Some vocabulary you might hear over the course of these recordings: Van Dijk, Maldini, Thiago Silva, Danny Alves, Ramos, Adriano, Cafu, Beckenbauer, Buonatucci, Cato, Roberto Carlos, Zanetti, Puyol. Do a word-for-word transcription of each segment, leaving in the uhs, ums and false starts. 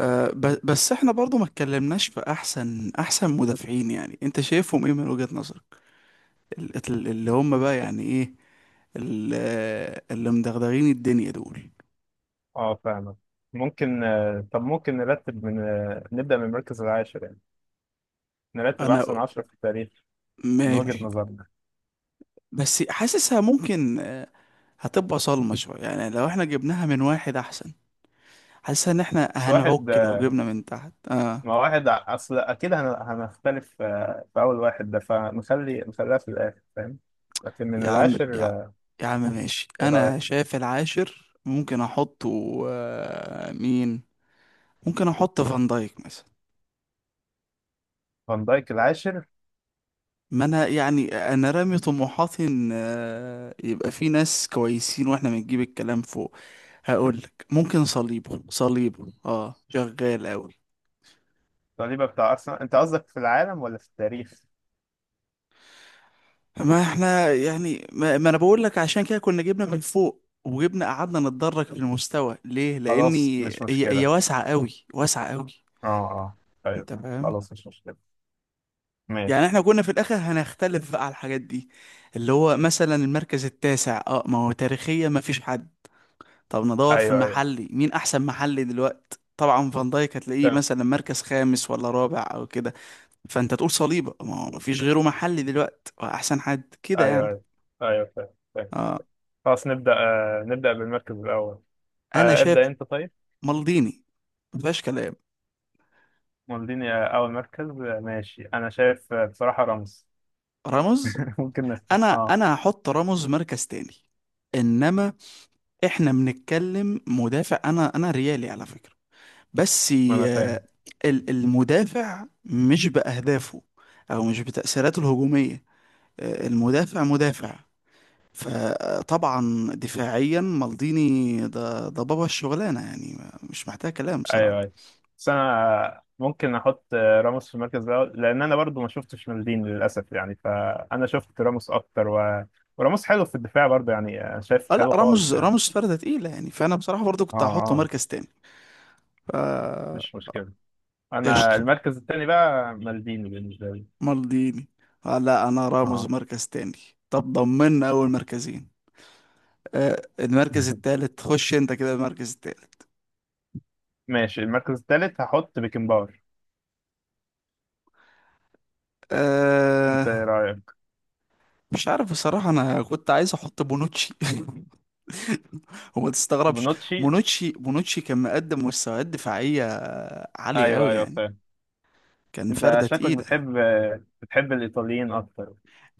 آه، ب- بس احنا برضو ما اتكلمناش في احسن احسن مدافعين، يعني انت شايفهم ايه من وجهة نظرك؟ ال- ال- اللي هم بقى يعني ايه؟ ال- آه، اللي مدغدغين الدنيا دول. اه، فاهمك. ممكن آه، طب ممكن نرتب من آه، نبدأ من المركز العاشر يعني، نرتب انا أحسن عشرة في التاريخ من وجهة ماشي، نظرنا. بس حاسسها ممكن آه، هتبقى صلمة شوية يعني لو احنا جبناها من واحد، احسن حاسسها ان احنا بس واحد هنعك لو آه، جبنا من تحت. اه، ما واحد ع- أصل أكيد هن- هنختلف آه، في أول واحد ده، فنخلي نخليها في الآخر فاهم. لكن من يا عم العاشر يا, آه، يا عم ماشي، إيه انا رأيك؟ شايف العاشر ممكن احطه آه، مين. ممكن احط فان دايك مثلا. فان دايك العاشر؟ ما انا يعني، انا رامي طموحاتي ان آه، يبقى في ناس كويسين واحنا بنجيب الكلام فوق. هقول لك، ممكن صليبه صليبه اه شغال قوي. صليبة بتاع أرسنال؟ أنت قصدك في العالم ولا في التاريخ؟ ما احنا يعني، ما, ما انا بقول لك عشان كده كنا جبنا من فوق وجبنا قعدنا نتدرج في المستوى ليه، خلاص لاني مش هي هي مشكلة. واسعه قوي، واسعه قوي. اه، اه، أيوه. انت فاهم، خلاص مش مشكلة. يعني ماشي. احنا كنا في الاخر هنختلف بقى على الحاجات دي، اللي هو مثلا المركز التاسع اه ما هو تاريخيا ما فيش حد. طب ندور في أيوه أيوه. المحلي، مين احسن محلي دلوقتي؟ طبعا فان دايك هتلاقيه تمام. مثلا مركز خامس ولا رابع او كده. فانت تقول صليبه، ما هو مفيش غيره محلي دلوقتي احسن حد كده أيوه يعني. أيوه. أيوه فاهم. اه، خلاص نبدأ آه، نبدأ بالمركز الأول. انا آه، شايف ابدأ أنت طيب. مالديني مفيهاش كلام. مولديني آه، أول مركز آه، ماشي. أنا شايف آه، بصراحة رمز. راموس، ممكن نفتح. انا أه انا هحط راموس مركز تاني. انما احنا بنتكلم مدافع، انا انا ريالي على فكره، بس ما أنا آه، فاهم. ال- المدافع مش باهدافه او مش بتاثيراته الهجوميه، آه، المدافع مدافع. فطبعا دفاعيا مالديني ده ده بابا الشغلانه يعني، مش محتاج كلام أيوه بصراحه. أيوه. بس أنا آه، ممكن أحط آه، راموس في المركز الأول، لأن أنا برضو ما شفتش مولديني للأسف يعني، فأنا شفت راموس أكتر، و وراموس حلو في الدفاع برضو يعني آه، شايفه اه لا، حلو راموس خالص يعني. راموس فرده تقيله يعني، فانا بصراحه برضو أه كنت هحطه أه مركز تاني. ف مش مشكلة. أنا قشطه، المركز التاني بقى مالديني بالنسبة لي. مالديني. آه لا، انا راموس أه. مركز تاني. طب ضمننا اول مركزين. آه المركز التالت، خش انت كده المركز التالت. ماشي المركز التالت هحط بيكنباور. انت آه ايه رايك؟ مش عارف بصراحه، انا كنت عايز احط بونوتشي وما تستغربش. بونوتشي؟ مونوتشي مونوتشي كان مقدم مستويات دفاعية عالية ايوه قوي ايوه يعني، فاهم. كان انت فردة شكلك تقيلة. بتحب بتحب الايطاليين اكتر.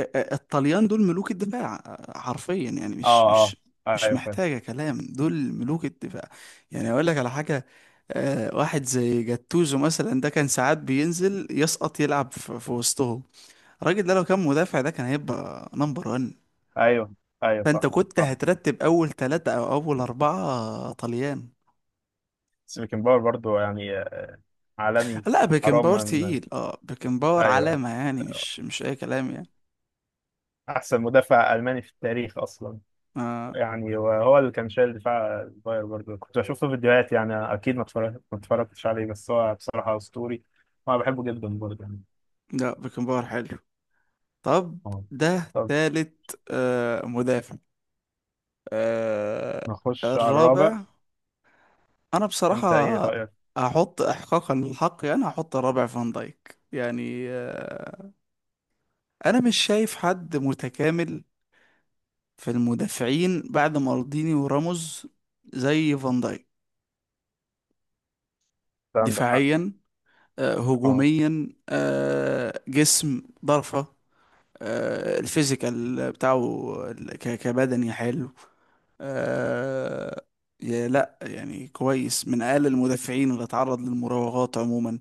ا- ا- الطليان دول ملوك الدفاع حرفيا يعني، اه مش اه. مش مش ايوه فاهم. محتاجة كلام، دول ملوك الدفاع. يعني اقول لك على حاجة، آه، واحد زي جاتوزو مثلا ده كان ساعات بينزل يسقط يلعب في في وسطهم. الراجل ده لو كان مدافع ده كان هيبقى نمبر واحد. ايوه ايوه فانت صح كنت صح. هترتب اول ثلاثة او اول اربعة طليان. سيبيكن باور برضو يعني آه، عالمي. لا حرام بيكنباور من ايوه. تقيل، اه بيكنباور أيوة. علامة يعني، مش مش اي كلام يعني. احسن مدافع الماني في التاريخ اصلا آه يعني، وهو اللي كان شايل دفاع الباير برضو، كنت بشوف له فيديوهات يعني، اكيد ما اتفرج- ما اتفرجتش عليه، بس هو بصراحه اسطوري، وانا بحبه جدا برضو يعني. لا بيكنباور حلو. طب اه ده طب تالت آه مدافع. آه نخش على الرابع. الرابع، انا بصراحة انت ايه رايك؟ هحط احقاقا للحق يعني، هحط الرابع فان دايك يعني آه انا مش شايف حد متكامل في المدافعين بعد مالديني وراموس زي فان دايك. انت عندك حق. دفاعيا، آه اه هجوميا، آه جسم ضرفة، آه، الفيزيكال بتاعه، ال- ك- كبدني حلو، آه، يا لا يعني كويس، من اقل المدافعين اللي اتعرض للمراوغات عموما،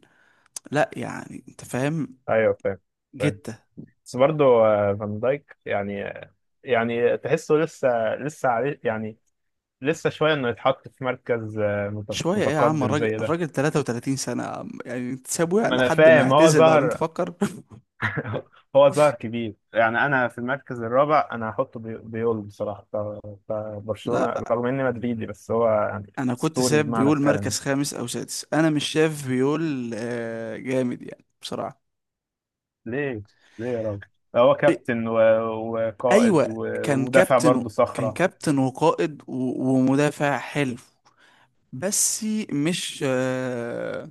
لا يعني انت فاهم ايوه فاهم فاهم. جته. بس برضه آه، فان دايك يعني آه، يعني تحسه لسه لسه عليه يعني، لسه شويه انه يتحط في مركز آه، مت- شويه ايه يا عم، متقدم الراجل زي ده. الراجل تلاتة وتلاتين سنه يا عم. يعني انت سابه ما انا لحد ما فاهم. هو يعتزل بعدين ظهر. تفكر؟ هو ظهر كبير يعني. انا في المركز الرابع انا هحطه بي- بيول بصراحه، ف- فبرشلونه لا رغم اني مدريدي بس هو يعني انا كنت اسطوري ساب بمعنى بيقول الكلمه. مركز خامس او سادس، انا مش شايف بيقول آه، جامد يعني بصراحه. ليه؟ ليه يا راجل؟ هو إيه، كابتن و- وقائد ايوه، و- كان ودافع كابتن برضه و... كان صخره. كابتن وقائد و... ومدافع حلو، بس مش آه،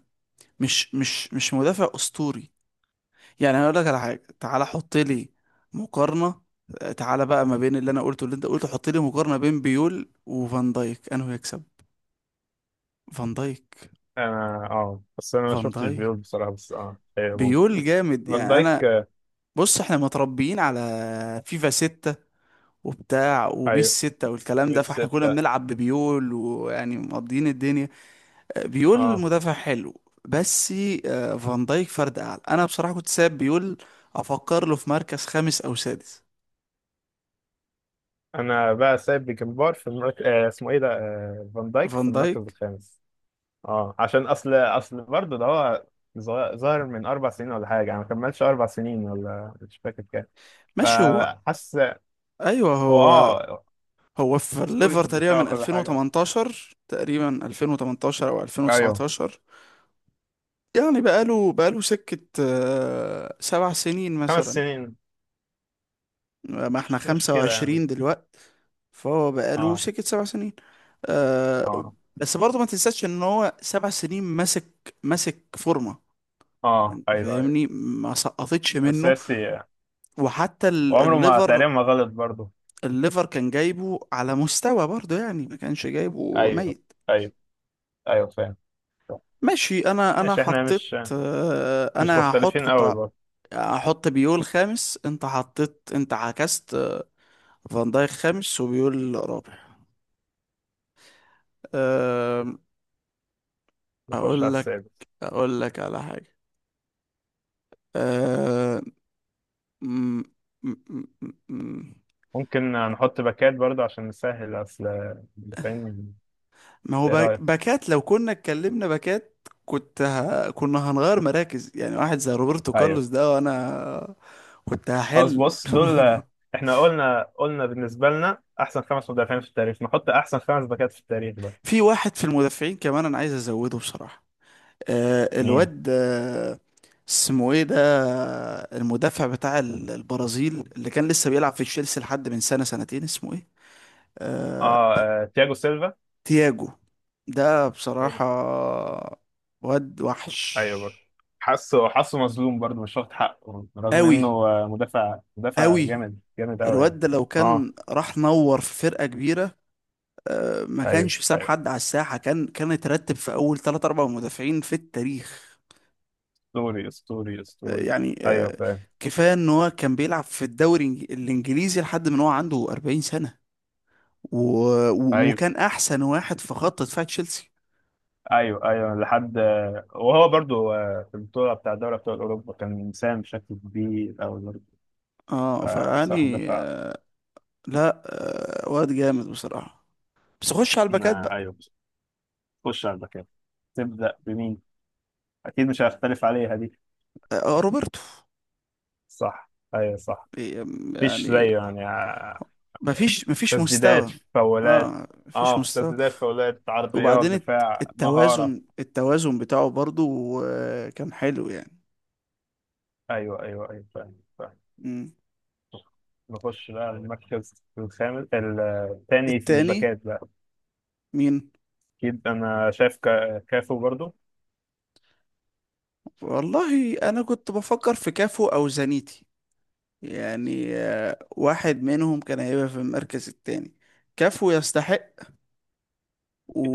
مش مش مش مدافع اسطوري. يعني انا اقول لك على حاجه، تعالى حط لي مقارنه، آه، تعالى بقى ما بين اللي انا قلته واللي انت قلته، حط لي مقارنه بين بيول وفان دايك، انه يكسب فان دايك. انا اه بس انا ما فان شفتش دايك بيول بصراحه، بس اه هي ممكن بيول جامد فان يعني. دايك انا آه، بص، احنا متربيين على فيفا ستة وبتاع وبيس ايوه ستة والكلام ده، فاحنا كنا بالستة. بنلعب ببيول ويعني مقضيين الدنيا. بيول اه. مدافع حلو، بس آه، فان دايك فرد اعلى. انا بصراحه كنت ساب بيول افكر له في مركز خامس او سادس. انا بقى سايب بيكمبار في المركز آه اسمه ايه ده آه فان دايك فان في المركز دايك، الخامس. اه عشان اصل اصل برضه ده هو ظا- ظاهر من اربع سنين ولا حاجه، انا ما كملش اربع سنين ولا مش فاكر كام، ماشي هو، فحاسس ايوه هو هو، اه هو في اسطوري في الليفر تقريبا الدفاع من وكل حاجه. ألفين وتمنتاشر، تقريبا ألفين وتمنتاشر او ايوه ألفين وتسعتاشر. يعني بقاله بقاله سكه آه، سبع سنين خمس مثلا. سنين. ما احنا مش خمسة مشكله يعني. وعشرين دلوقت، فهو بقاله اه سكة سبع سنين. آه اه بس برضه ما تنساش ان هو سبع سنين ماسك ماسك فورمة، اه. انت ايوه ايوه فاهمني، ما سقطتش منه. اساسي يعني. وحتى ال- وعمره ما الليفر، تقريبا ما غلط برضه. الليفر كان جايبه على مستوى برضه يعني، ما كانش جايبه ايوه ميت. ايوه ايوه فاهم. طب، ماشي، انا انا ماشي. احنا حطيت، مش آه مش انا هحط، مختلفين قوي كنت برضه. هحط بيول خامس، انت حطيت، انت عكست فان دايك خامس وبيول رابع. آه، نخش على اقول لك السادس. اقول لك على حاجه. أه... م... م... م... م- ممكن نحط باكات برضه عشان نسهل اصل اللي فاهم. ما هو ايه باك- رايك؟ باكات، لو كنا اتكلمنا باكات كنت ه... كنا هنغير مراكز، يعني واحد زي روبرتو ايوه. كارلوس ده، وانا كنت خلاص هحل بص دول، احنا قلنا قلنا بالنسبه لنا احسن خمس مدافعين في التاريخ، نحط احسن خمس باكات في التاريخ بقى. في واحد في المدافعين كمان انا عايز ازوده بصراحه، أه... مين؟ الواد أه... اسمه ايه ده؟ المدافع بتاع ال- البرازيل، اللي كان لسه بيلعب في تشيلسي لحد من سنه سنتين، اسمه ايه؟ اه, أه... آه تياجو سيلفا. تياجو. ده تياجو بصراحة سيلفا. واد وحش ايوه برضه. حاسه حاسه مظلوم برضه، مش واخد حقه، رغم انه أوي، آه، مدافع مدافع أوي. جامد جامد قوي الواد يعني. ده لو اه كان راح نور في فرقة كبيرة، ما ايوه كانش ساب ايوه. حد على الساحة، كان كان اترتب في أول تلاتة أربعة مدافعين في التاريخ. اسطوري اسطوري آه، اسطوري. يعني، ايوه آه، فاهم. كفاية إن هو كان بيلعب في الدوري الإنج- الإنجليزي لحد من هو عنده أربعين سنة، و... و- ايوه وكان أحسن واحد في خط دفاع تشيلسي. ايوه ايوه لحد. وهو برضو في البطوله بتاع دوري ابطال اوروبا كان مساهم بشكل كبير قوي برضه، اه، فبصراحه فيعني دفع. آه، لا، آه، واد جامد بصراحة، بس خش على الباكات. ما- ايوه خش على الباكات. تبدا بمين؟ اكيد مش هختلف عليها دي. آه، روبرتو. صح ايوه صح. مفيش يعني زيه يعني آه، مفيش مفيش تسديدات مستوى، فاولات. اه مفيش اه في مستوى. تسديدات فاولات عرضيات وبعدين الت- دفاع مهاره. التوازن التوازن بتاعه برضو آه، كان حلو يعني. ايوه ايوه ايوه فاهم فاهم. مم. نخش بقى المركز الخامس الثاني في التاني الباكات بقى. مين؟ اكيد انا شايف كا- كافو برضو والله انا كنت بفكر في كافو او زانيتي، يعني آه، واحد منهم كان هيبقى في المركز التاني. كافو يستحق،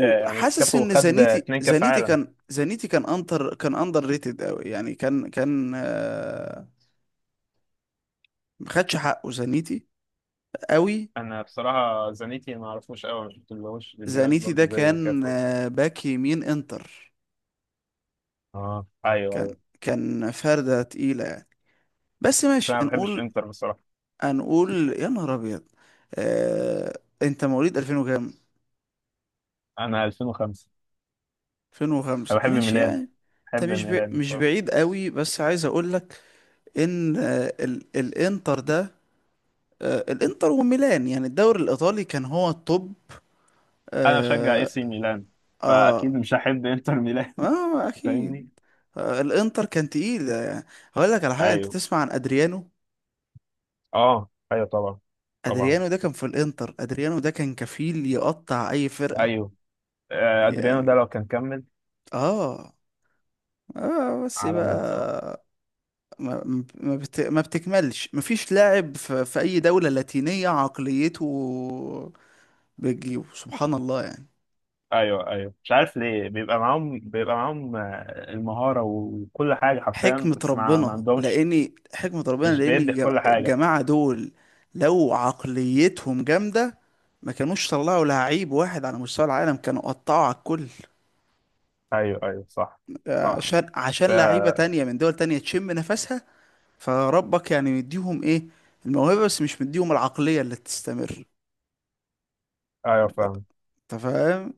آه، يعني كافو ان خد زانيتي اتنين كاس زانيتي عالم. كان، زانيتي كان انتر، كان اندر ريتد قوي يعني، كان كان آه، ما خدش حقه زانيتي، قوي. انا بصراحه زانيتي ما اعرفوش قوي، ما شفتلهوش فيديوهات زانيتي ده برضو زي كان كافو. آه، باك يمين انتر، اه ايوه كان ايوه. كان فردة تقيلة يعني. بس بس ماشي، انا ما بحبش هنقول انتر بصراحه. هنقول يا نهار ابيض. آه، انت مواليد ألفين وكام؟ انا ألفين وخمسة. انا ألفين وخمسة بحب ماشي ميلان. يعني. انت بحب مش ب... ميلان مش بصراحه. بعيد قوي، بس عايز اقول لك ان آه، ال... الانتر ده، آه، الانتر وميلان يعني الدوري الايطالي كان هو التوب. انا بشجع اي اه، سي ميلان، فاكيد آه... مش هحب انتر ميلان. آه... اكيد. فاهمني. آه، الانتر كان تقيل، آه، هقول لك على حاجه، انت ايوه. تسمع عن ادريانو؟ اه ايوه طبعا. طبعا ادريانو ده كان في الانتر، ادريانو ده كان كفيل يقطع اي فرقه ايوه آه، ادريانو يعني. ده لو كان كمل اه اه، بس عالمي بصراحة. بقى ما ما ما بت... ما بتكملش، مفيش لاعب في... في اي دوله لاتينيه عقليته بتجيبه، سبحان الله يعني. ايوه ايوه. مش عارف ليه بيبقى معاهم بيبقى معاهم آه، المهارة وكل حاجة حرفيا، حكمة بس ما, ما ربنا عندهمش لأني حكمة ربنا مش لأن بيدي في الج- كل حاجة. الجماعة دول لو عقليتهم جامدة ما كانوش طلعوا لعيب واحد على مستوى العالم، كانوا قطعوا على الكل. ايوه ايوه صح آه، صح. عشان عشان ف... لعيبة تانية من دول تانية تشم نفسها، فربك يعني مديهم ايه؟ الموهبة بس، مش مديهم العقلية اللي تستمر. ايوه انت فاهم. أنت فاهم.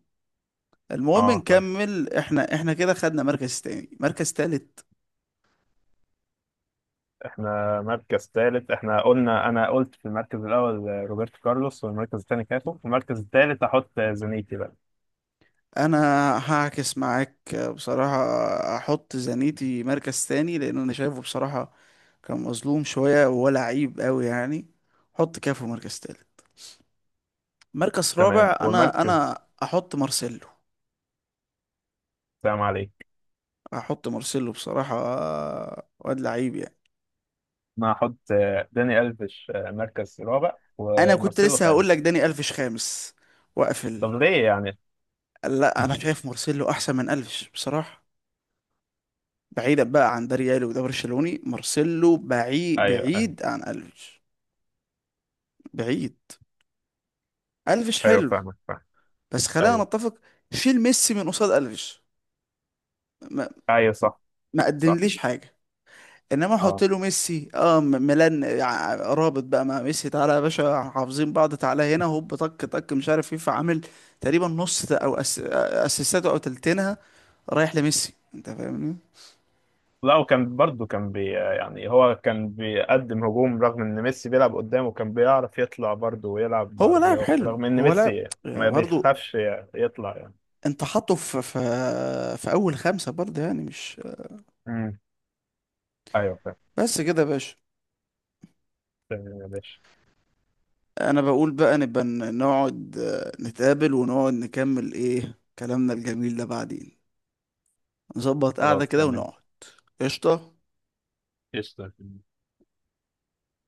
المهم اه فاهم. نكمل، احنا احنا كده خدنا مركز تاني، مركز تالت. احنا مركز ثالث، احنا قلنا، انا قلت في المركز الاول آه، روبرتو كارلوس، والمركز الثاني كاتو، والمركز الثالث هحط آه، زانيتي بقى. انا هعكس معاك بصراحة، احط زانيتي مركز تاني لان انا شايفه بصراحة كان مظلوم شوية وهو لعيب قوي يعني. حط كافو مركز تالت. مركز تمام رابع انا والمركز. انا احط مارسيلو، سلام عليك. احط مارسيلو بصراحة، واد لعيب يعني. انا هحط آه، داني الفيش آه، مركز رابع انا كنت ومارسيلو لسه هقول لك خامس. داني الفيش خامس واقفل. طب ليه يعني؟ لا انا شايف مارسيلو احسن من الفيش بصراحة، بعيدا بقى عن ده ريالي وده برشلوني، مارسيلو بعيد ايوه بعيد عن الفيش، بعيد. الفيش ايوه حلو، فاهمك فاهم. بس خلينا ايوه نتفق، شيل ميسي من قصاد الفيش، ما, ايوه صح ما صح. قدمليش حاجه. انما احط اه له ميسي، اه م- ميلان ع- رابط بقى مع ميسي، تعالى يا باشا حافظين بعض، تعالى هنا هوب طك طك، مش عارف ايه، فعامل تقريبا نص ت- او أس... اسيستاته او تلتينها رايح لميسي، انت فاهمني. لا وكان برضه كان بي يعني هو كان بيقدم هجوم رغم ان ميسي بيلعب قدامه، كان بيعرف يطلع برضه ويلعب هو لاعب بعرضيات حلو، رغم ان هو لاعب ميسي ما برضه، بيخافش يطلع يعني. انت حاطه في في في اول خمسة برضه يعني مش امم ايوه فاهم. بس كده يا باشا. تمام يا باشا. انا بقول بقى نبقى ن- نقعد آه، نتقابل ونقعد نكمل ايه كلامنا الجميل ده بعدين، نظبط قعدة خلاص كده تمام. ونقعد. قشطة. قشطة.